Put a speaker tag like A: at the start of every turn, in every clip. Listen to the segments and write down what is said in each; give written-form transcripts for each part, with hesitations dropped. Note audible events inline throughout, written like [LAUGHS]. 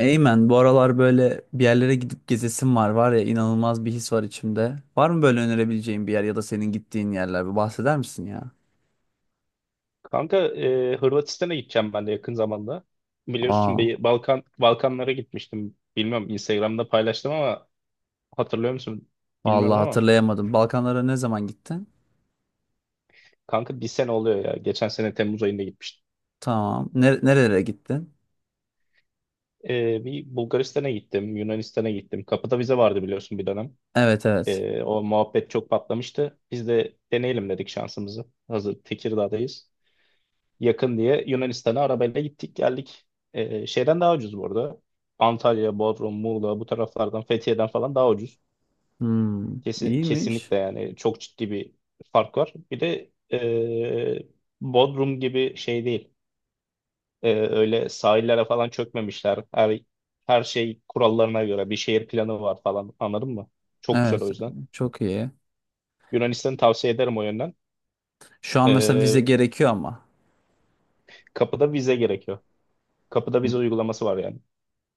A: Eymen, bu aralar böyle bir yerlere gidip gezesim var ya, inanılmaz bir his var içimde. Var mı böyle önerebileceğin bir yer ya da senin gittiğin yerler? Bir bahseder misin ya?
B: Kanka Hırvatistan'a gideceğim ben de yakın zamanda. Biliyorsun
A: Aa,
B: bir Balkanlara gitmiştim. Bilmiyorum Instagram'da paylaştım ama hatırlıyor musun
A: vallahi
B: bilmiyorum ama
A: hatırlayamadım. Balkanlara ne zaman gittin?
B: kanka bir sene oluyor ya. Geçen sene Temmuz ayında gitmiştim.
A: Tamam. Nerelere gittin?
B: Bir Bulgaristan'a gittim, Yunanistan'a gittim. Kapıda vize vardı biliyorsun bir dönem.
A: Evet, evet.
B: O muhabbet çok patlamıştı. Biz de deneyelim dedik şansımızı. Hazır Tekirdağ'dayız, yakın diye Yunanistan'a arabayla gittik geldik. Şeyden daha ucuz bu arada. Antalya, Bodrum, Muğla bu taraflardan Fethiye'den falan daha ucuz.
A: Hmm,
B: Kesin,
A: iyiymiş.
B: kesinlikle yani çok ciddi bir fark var. Bir de Bodrum gibi şey değil. Öyle sahillere falan çökmemişler. Her şey kurallarına göre, bir şehir planı var falan, anladın mı? Çok güzel o
A: Evet,
B: yüzden.
A: çok iyi.
B: Yunanistan'ı tavsiye ederim o yönden.
A: Şu an mesela vize
B: Ee,
A: gerekiyor ama.
B: Kapıda vize gerekiyor. Kapıda
A: Hı.
B: vize uygulaması var yani.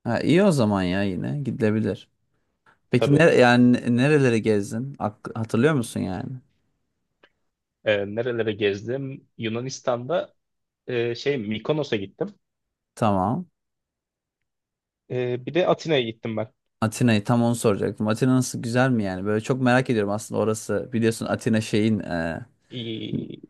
A: Ha, iyi o zaman ya, yine gidilebilir. Peki
B: Tabii.
A: yani nerelere gezdin? Hatırlıyor musun yani?
B: Nerelere gezdim? Yunanistan'da şey, Mikonos'a gittim.
A: Tamam.
B: Bir de Atina'ya gittim ben.
A: Atina'yı tam onu soracaktım. Atina nasıl, güzel mi yani? Böyle çok merak ediyorum aslında orası. Biliyorsun Atina şeyin,
B: İyi.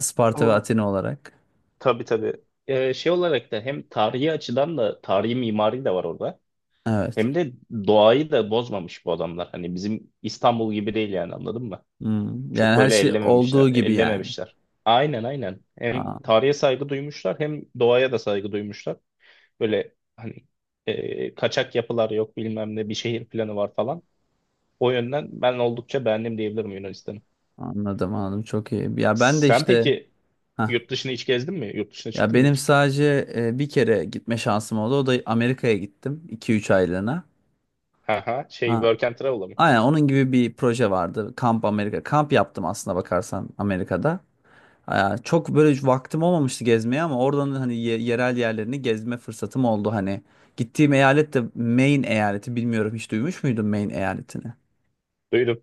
A: Sparta ve
B: Or-
A: Atina olarak.
B: Tabii, tabii. Şey olarak da, hem tarihi açıdan da, tarihi mimari de var orada.
A: Evet.
B: Hem de doğayı da bozmamış bu adamlar. Hani bizim İstanbul gibi değil yani, anladın mı?
A: Hmm.
B: Çok
A: Yani her
B: böyle
A: şey
B: ellememişler,
A: olduğu gibi yani.
B: ellememişler. Aynen, aynen. Hem
A: Aa,
B: tarihe saygı duymuşlar, hem doğaya da saygı duymuşlar. Böyle hani kaçak yapılar yok, bilmem ne, bir şehir planı var falan. O yönden ben oldukça beğendim diyebilirim Yunanistan'ı.
A: anladım anladım, çok iyi. Ya ben de
B: Sen
A: işte
B: peki
A: hah.
B: yurt dışına hiç gezdin mi? Yurt dışına
A: Ya
B: çıktın mı
A: benim
B: hiç?
A: sadece bir kere gitme şansım oldu. O da Amerika'ya gittim iki üç aylığına.
B: Haha, şey,
A: Ha.
B: work and travel'a mı?
A: Aynen onun gibi bir proje vardı. Kamp Amerika. Kamp yaptım aslında bakarsan Amerika'da. Aa, çok böyle vaktim olmamıştı gezmeye, ama oradan hani yerel yerlerini gezme fırsatım oldu hani. Gittiğim eyalet de Maine eyaleti, bilmiyorum hiç duymuş muydun Maine eyaletini?
B: Duydum.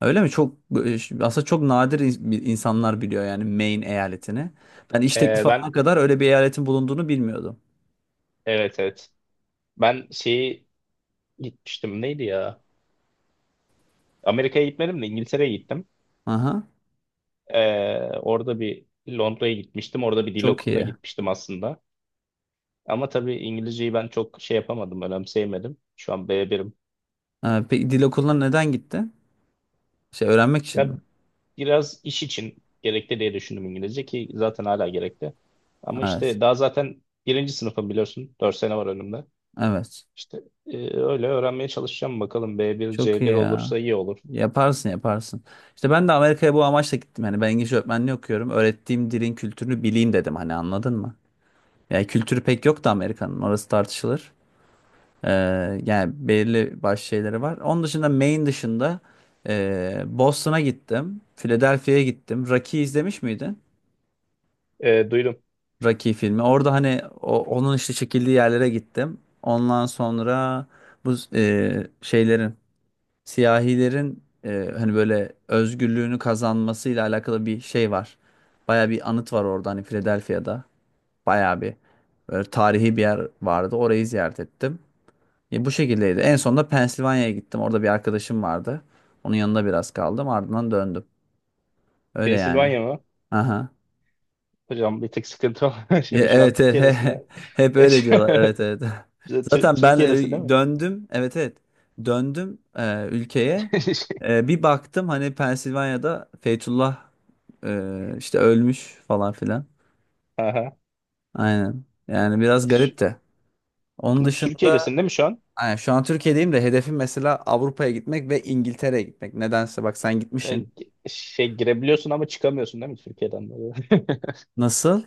A: Öyle mi? Çok, aslında çok nadir insanlar biliyor yani Maine eyaletini. Ben iş teklifi
B: Ben
A: alana kadar öyle bir eyaletin bulunduğunu bilmiyordum.
B: evet, evet. Ben şeyi gitmiştim, neydi ya? Amerika'ya gitmedim de İngiltere'ye gittim.
A: Aha,
B: Orada bir Londra'ya gitmiştim. Orada bir dil
A: çok
B: okuluna
A: iyi.
B: gitmiştim aslında. Ama tabii İngilizceyi ben çok şey yapamadım, önemseyemedim. Şu an B1'im.
A: Ha, peki dil okuluna neden gitti? Şey öğrenmek için mi?
B: Ya biraz iş için gerekli diye düşündüm İngilizce, ki zaten hala gerekli. Ama
A: Evet.
B: işte daha zaten birinci sınıfım biliyorsun. Dört sene var önümde.
A: Evet.
B: İşte öyle öğrenmeye çalışacağım bakalım. B1,
A: Çok iyi
B: C1
A: ya.
B: olursa iyi olur.
A: Yaparsın yaparsın. İşte ben de Amerika'ya bu amaçla gittim. Hani ben İngilizce öğretmenliği okuyorum. Öğrettiğim dilin kültürünü bileyim dedim. Hani anladın mı? Yani kültürü pek yok da Amerika'nın. Orası tartışılır. Ee, yani belirli başlı şeyleri var. Onun dışında, Maine dışında Boston'a gittim. Philadelphia'ya gittim. Rocky izlemiş miydin?
B: Duydum.
A: Rocky filmi. Orada hani onun işte çekildiği yerlere gittim. Ondan sonra bu şeylerin, siyahilerin hani böyle özgürlüğünü kazanmasıyla alakalı bir şey var. Baya bir anıt var orada hani, Philadelphia'da. Baya bir böyle tarihi bir yer vardı. Orayı ziyaret ettim. Bu şekildeydi. En sonunda Pensilvanya'ya gittim. Orada bir arkadaşım vardı. Onun yanında biraz kaldım. Ardından döndüm. Öyle yani.
B: Pensilvanya mı?
A: Aha.
B: Hocam bir tık sıkıntı var. [LAUGHS]
A: Ya,
B: Şu an
A: evet evet, [LAUGHS]
B: Türkiye'desine.
A: hep öyle diyorlar, evet evet. [LAUGHS] Zaten ben
B: Türkiye'desin [LAUGHS] değil mi?
A: döndüm, evet evet, döndüm ülkeye.
B: [LAUGHS]
A: Bir baktım hani Pensilvanya'da Fethullah işte ölmüş falan filan.
B: Aha.
A: Aynen, yani biraz garip
B: Şu-
A: de. Onun dışında
B: Türkiye'desin değil mi şu an?
A: aynen, şu an Türkiye'deyim, de hedefim mesela Avrupa'ya gitmek ve İngiltere'ye gitmek. Nedense bak, sen gitmişsin.
B: Yani şey, girebiliyorsun ama çıkamıyorsun değil mi Türkiye'den?
A: Nasıl?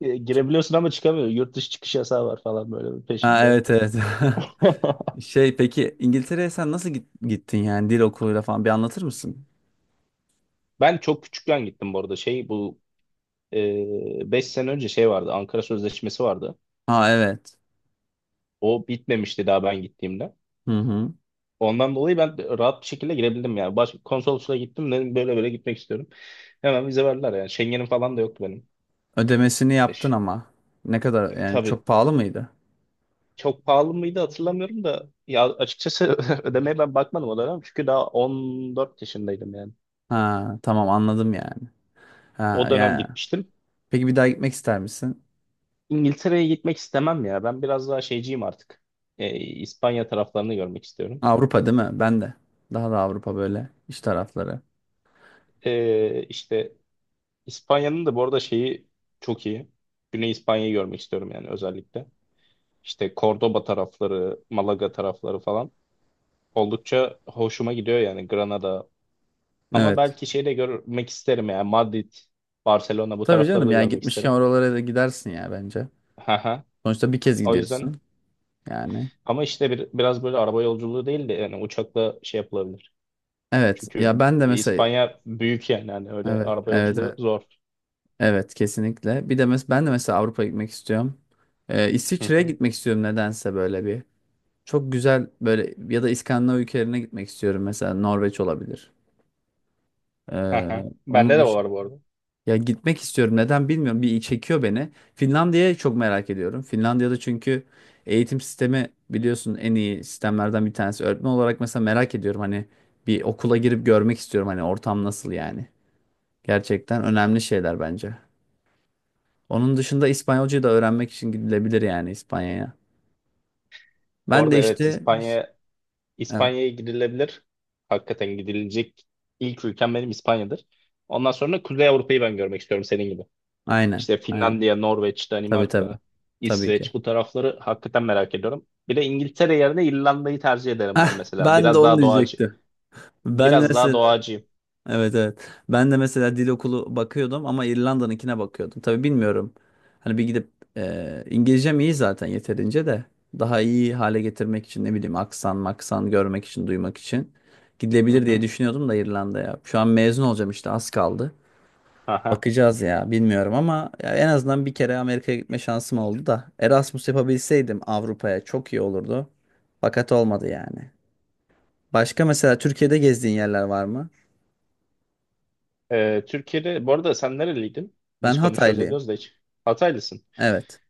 B: Girebiliyorsun ama çıkamıyor. Yurt dışı çıkış yasağı var falan böyle bir
A: Ha,
B: peşinde.
A: evet evet.
B: [LAUGHS]
A: [LAUGHS] Şey peki İngiltere'ye sen nasıl gittin yani, dil okuluyla falan bir anlatır mısın?
B: Ben çok küçükken gittim bu arada. Şey bu, 5 sene önce şey vardı. Ankara Sözleşmesi vardı.
A: Ha, evet.
B: O bitmemişti daha ben gittiğimde.
A: Hı hı.
B: Ondan dolayı ben rahat bir şekilde girebildim yani. Konsolosluğa gittim, dedim böyle böyle gitmek istiyorum. Hemen vize verdiler yani. Schengen'im falan da yoktu benim.
A: Ödemesini
B: E,
A: yaptın
B: ş-
A: ama. Ne kadar yani, çok
B: tabii,
A: pahalı mıydı?
B: çok pahalı mıydı hatırlamıyorum da ya açıkçası, [LAUGHS] ödemeye ben bakmadım o dönem. Çünkü daha 14 yaşındaydım yani.
A: Ha, tamam anladım yani. Ha
B: O dönem
A: yani.
B: gitmiştim.
A: Peki bir daha gitmek ister misin?
B: İngiltere'ye gitmek istemem ya. Ben biraz daha şeyciyim artık. İspanya taraflarını görmek istiyorum.
A: Avrupa değil mi? Ben de. Daha da Avrupa böyle, iş tarafları.
B: İşte İspanya'nın da bu arada şeyi çok iyi. Güney İspanya'yı görmek istiyorum yani özellikle. İşte Cordoba tarafları, Malaga tarafları falan. Oldukça hoşuma gidiyor yani, Granada. Ama
A: Evet.
B: belki şey de görmek isterim yani, Madrid, Barcelona bu
A: Tabii
B: tarafları
A: canım
B: da
A: ya,
B: görmek
A: gitmişken
B: isterim.
A: oralara da gidersin ya, bence.
B: Haha.
A: Sonuçta bir kez
B: O yüzden
A: gidiyorsun yani.
B: ama işte biraz böyle araba yolculuğu değil de, yani uçakla şey yapılabilir.
A: Evet
B: Çünkü
A: ya, ben de mesela
B: İspanya büyük yani, hani öyle
A: evet
B: araba
A: evet
B: yolculuğu
A: evet,
B: zor.
A: evet kesinlikle. Bir de ben de mesela Avrupa gitmek istiyorum.
B: Hı
A: İsviçre'ye
B: hı.
A: gitmek istiyorum nedense, böyle bir. Çok güzel böyle, ya da İskandinav ülkelerine gitmek istiyorum. Mesela Norveç olabilir.
B: Hı
A: Ee,
B: hı.
A: onun
B: Bende de
A: dışında
B: var bu arada.
A: ya, gitmek istiyorum. Neden bilmiyorum. Bir çekiyor beni. Finlandiya'yı çok merak ediyorum. Finlandiya'da çünkü eğitim sistemi biliyorsun en iyi sistemlerden bir tanesi. Öğretmen olarak mesela merak ediyorum. Hani bir okula girip görmek istiyorum. Hani ortam nasıl yani. Gerçekten önemli şeyler bence. Onun dışında İspanyolcayı da öğrenmek için gidilebilir yani, İspanya'ya.
B: Bu
A: Ben de
B: arada evet,
A: işte
B: İspanya
A: evet.
B: İspanya'ya gidilebilir. Hakikaten gidilecek ilk ülkem benim İspanya'dır. Ondan sonra Kuzey Avrupa'yı ben görmek istiyorum senin gibi.
A: Aynen.
B: İşte
A: Aynen.
B: Finlandiya, Norveç,
A: Tabii tabii.
B: Danimarka,
A: Tabii
B: İsveç
A: ki.
B: bu tarafları hakikaten merak ediyorum. Bir de İngiltere yerine İrlanda'yı tercih ederim
A: Heh,
B: ben mesela.
A: ben de
B: Biraz
A: onu
B: daha doğacı.
A: diyecektim. Ben
B: Biraz daha
A: mesela,
B: doğacıyım.
A: evet evet. Ben de mesela dil okulu bakıyordum ama İrlanda'nınkine bakıyordum. Tabii bilmiyorum. Hani bir gidip İngilizcem iyi zaten yeterince de, daha iyi hale getirmek için ne bileyim, aksan maksan görmek için, duymak için
B: Hı
A: gidilebilir diye
B: hı.
A: düşünüyordum da İrlanda'ya. Şu an mezun olacağım, işte az kaldı.
B: Aha.
A: Bakacağız ya, bilmiyorum ama ya, en azından bir kere Amerika'ya gitme şansım oldu da, Erasmus yapabilseydim Avrupa'ya çok iyi olurdu. Fakat olmadı yani. Başka mesela Türkiye'de gezdiğin yerler var mı?
B: Türkiye'de bu arada sen nereliydin?
A: Ben
B: Biz konuşuyoruz
A: Hataylıyım.
B: ediyoruz da hiç. Hataylısın.
A: Evet.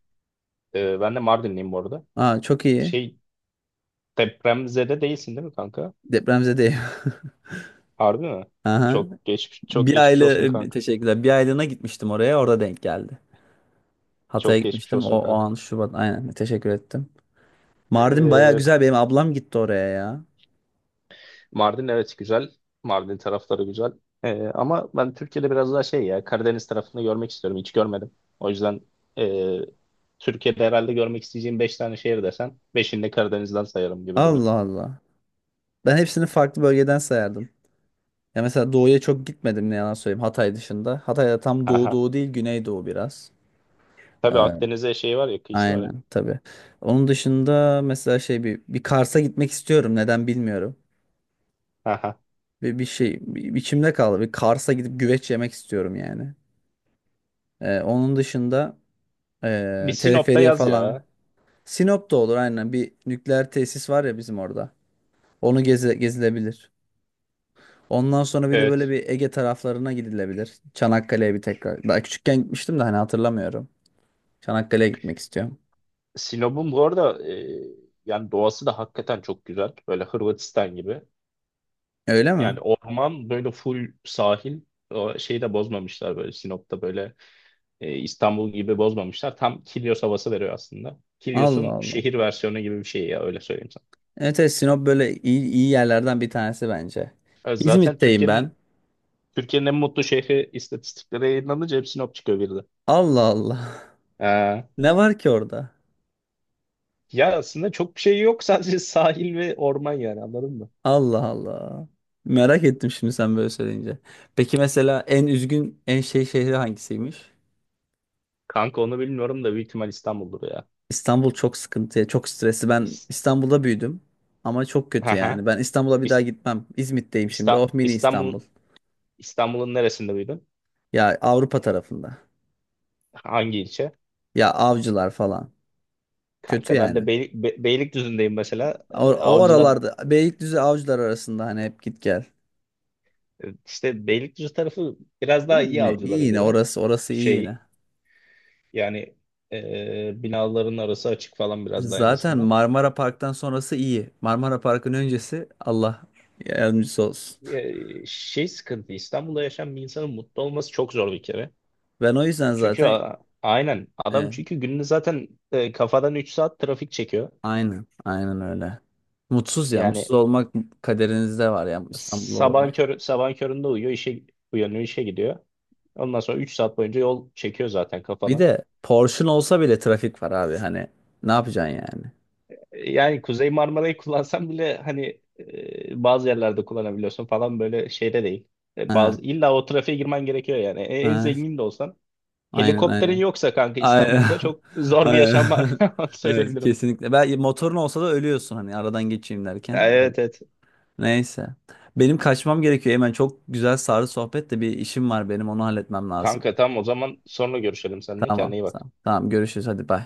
B: Ben de Mardinliyim bu arada.
A: Aa, çok iyi.
B: Şey, depremzede değilsin değil mi kanka?
A: Depremzedeyim.
B: Harbi mi?
A: [LAUGHS] Aha.
B: Çok geçmiş çok
A: Bir
B: geçmiş
A: aile
B: olsun kanka.
A: Teşekkürler. Bir aylığına gitmiştim oraya. Orada denk geldi. Hatay'a
B: Çok geçmiş
A: gitmiştim. O,
B: olsun
A: o
B: kanka.
A: an Şubat. Aynen. Teşekkür ettim. Mardin baya
B: Ee,
A: güzel. Benim ablam gitti oraya ya.
B: Mardin evet güzel. Mardin tarafları güzel. Ama ben Türkiye'de biraz daha şey, ya Karadeniz tarafını görmek istiyorum. Hiç görmedim. O yüzden ee, Türkiye'de herhalde görmek isteyeceğim 5 tane şehir desen, 5'ini de Karadeniz'den sayarım gibi duruyor.
A: Allah Allah. Ben hepsini farklı bölgeden sayardım. Ya mesela doğuya çok gitmedim, ne yalan söyleyeyim, Hatay dışında. Hatay'da tam doğu
B: Aha.
A: doğu değil, güneydoğu biraz.
B: Tabii
A: Ee,
B: Akdeniz'e şey var ya, kıyısı var ya.
A: Aynen tabii. Onun dışında mesela şey bir Kars'a gitmek istiyorum. Neden bilmiyorum.
B: Aha.
A: Bir içimde kaldı. Bir Kars'a gidip güveç yemek istiyorum yani. Onun dışında
B: Bir Sinop'ta
A: teleferiye
B: yaz
A: falan.
B: ya.
A: Sinop da olur aynen. Bir nükleer tesis var ya bizim orada. Onu gezilebilir. Ondan sonra bir de böyle
B: Evet.
A: bir Ege taraflarına gidilebilir. Çanakkale'ye bir tekrar. Daha küçükken gitmiştim de hani hatırlamıyorum. Çanakkale'ye gitmek istiyorum.
B: Sinop'un bu arada yani doğası da hakikaten çok güzel. Böyle Hırvatistan gibi.
A: Öyle mi?
B: Yani orman böyle full sahil. O şeyi de bozmamışlar böyle Sinop'ta, böyle İstanbul gibi bozmamışlar. Tam Kilyos havası veriyor aslında.
A: Allah
B: Kilyos'un
A: Allah.
B: şehir versiyonu gibi bir şey ya, öyle söyleyeyim sana.
A: Evet, evet Sinop böyle iyi yerlerden bir tanesi bence.
B: E, Zaten
A: İzmit'teyim ben.
B: Türkiye'nin Türkiye'nin en mutlu şehri istatistikleri yayınlanınca hep Sinop çıkıyor bir de.
A: Allah Allah.
B: E,
A: [LAUGHS] Ne var ki orada?
B: Ya aslında çok bir şey yok, [LAUGHS] sadece sahil ve orman yani, anladın mı?
A: Allah Allah. Merak ettim şimdi sen böyle söyleyince. Peki mesela en üzgün, en şey şehri hangisiymiş?
B: Kanka onu bilmiyorum da, büyük ihtimal İstanbul'dur ya.
A: İstanbul çok sıkıntıya, çok stresli. Ben
B: İs-
A: İstanbul'da büyüdüm ama çok kötü yani.
B: Haha.
A: Ben İstanbul'a bir daha
B: İs-
A: gitmem. İzmit'teyim şimdi.
B: İsta-
A: Oh, mini İstanbul.
B: İstanbul İstanbul'un neresinde büyüdün?
A: Ya Avrupa tarafında.
B: Hangi ilçe?
A: Ya Avcılar falan. Kötü
B: Kanka ben de
A: yani.
B: Beylikdüzü'ndeyim mesela.
A: O, o
B: Avcılar,
A: aralarda, Beylikdüzü Avcılar arasında, hani hep git gel.
B: işte Beylikdüzü tarafı biraz daha
A: İyi,
B: iyi
A: yine iyi
B: Avcılara
A: yine,
B: göre.
A: orası orası iyi yine.
B: Şey, yani binaların arası açık falan biraz daha en
A: Zaten
B: azından.
A: Marmara Park'tan sonrası iyi. Marmara Park'ın öncesi Allah yardımcısı olsun. [LAUGHS]
B: Şey, sıkıntı İstanbul'da yaşayan bir insanın mutlu olması çok zor bir kere.
A: Ben o yüzden
B: Çünkü
A: zaten,
B: aynen adam,
A: e,
B: çünkü gününü zaten kafadan 3 saat trafik çekiyor.
A: aynen aynen öyle. Mutsuz ya, mutsuz
B: Yani
A: olmak kaderinizde var ya, İstanbul olarak.
B: sabahın köründe uyuyor, işe uyanıyor, işe gidiyor. Ondan sonra 3 saat boyunca yol çekiyor zaten
A: Bir
B: kafadan.
A: de Porsche'un olsa bile trafik var abi, hani ne yapacaksın yani?
B: Yani Kuzey Marmara'yı kullansan bile hani, bazı yerlerde kullanabiliyorsun falan, böyle şeyde değil.
A: Ha,
B: Bazı, illa o trafiğe girmen gerekiyor yani. En
A: ha,
B: zengin de olsan,
A: aynen
B: helikopterin
A: aynen.
B: yoksa kanka,
A: Aynen.
B: İstanbul'da çok
A: [LAUGHS]
B: zor bir
A: Aynen.
B: yaşam var.
A: [LAUGHS]
B: [LAUGHS] Onu
A: Evet,
B: söyleyebilirim.
A: kesinlikle. Ben motorun olsa da ölüyorsun hani aradan geçeyim
B: Ya,
A: derken. Evet.
B: evet, evet.
A: Neyse. Benim kaçmam gerekiyor hemen. Çok güzel sarı sohbet de bir işim var benim. Onu halletmem lazım.
B: Kanka tamam, o zaman sonra görüşelim seninle.
A: Tamam.
B: Kendine iyi bak.
A: Tamam. Tamam. Görüşürüz. Hadi bay.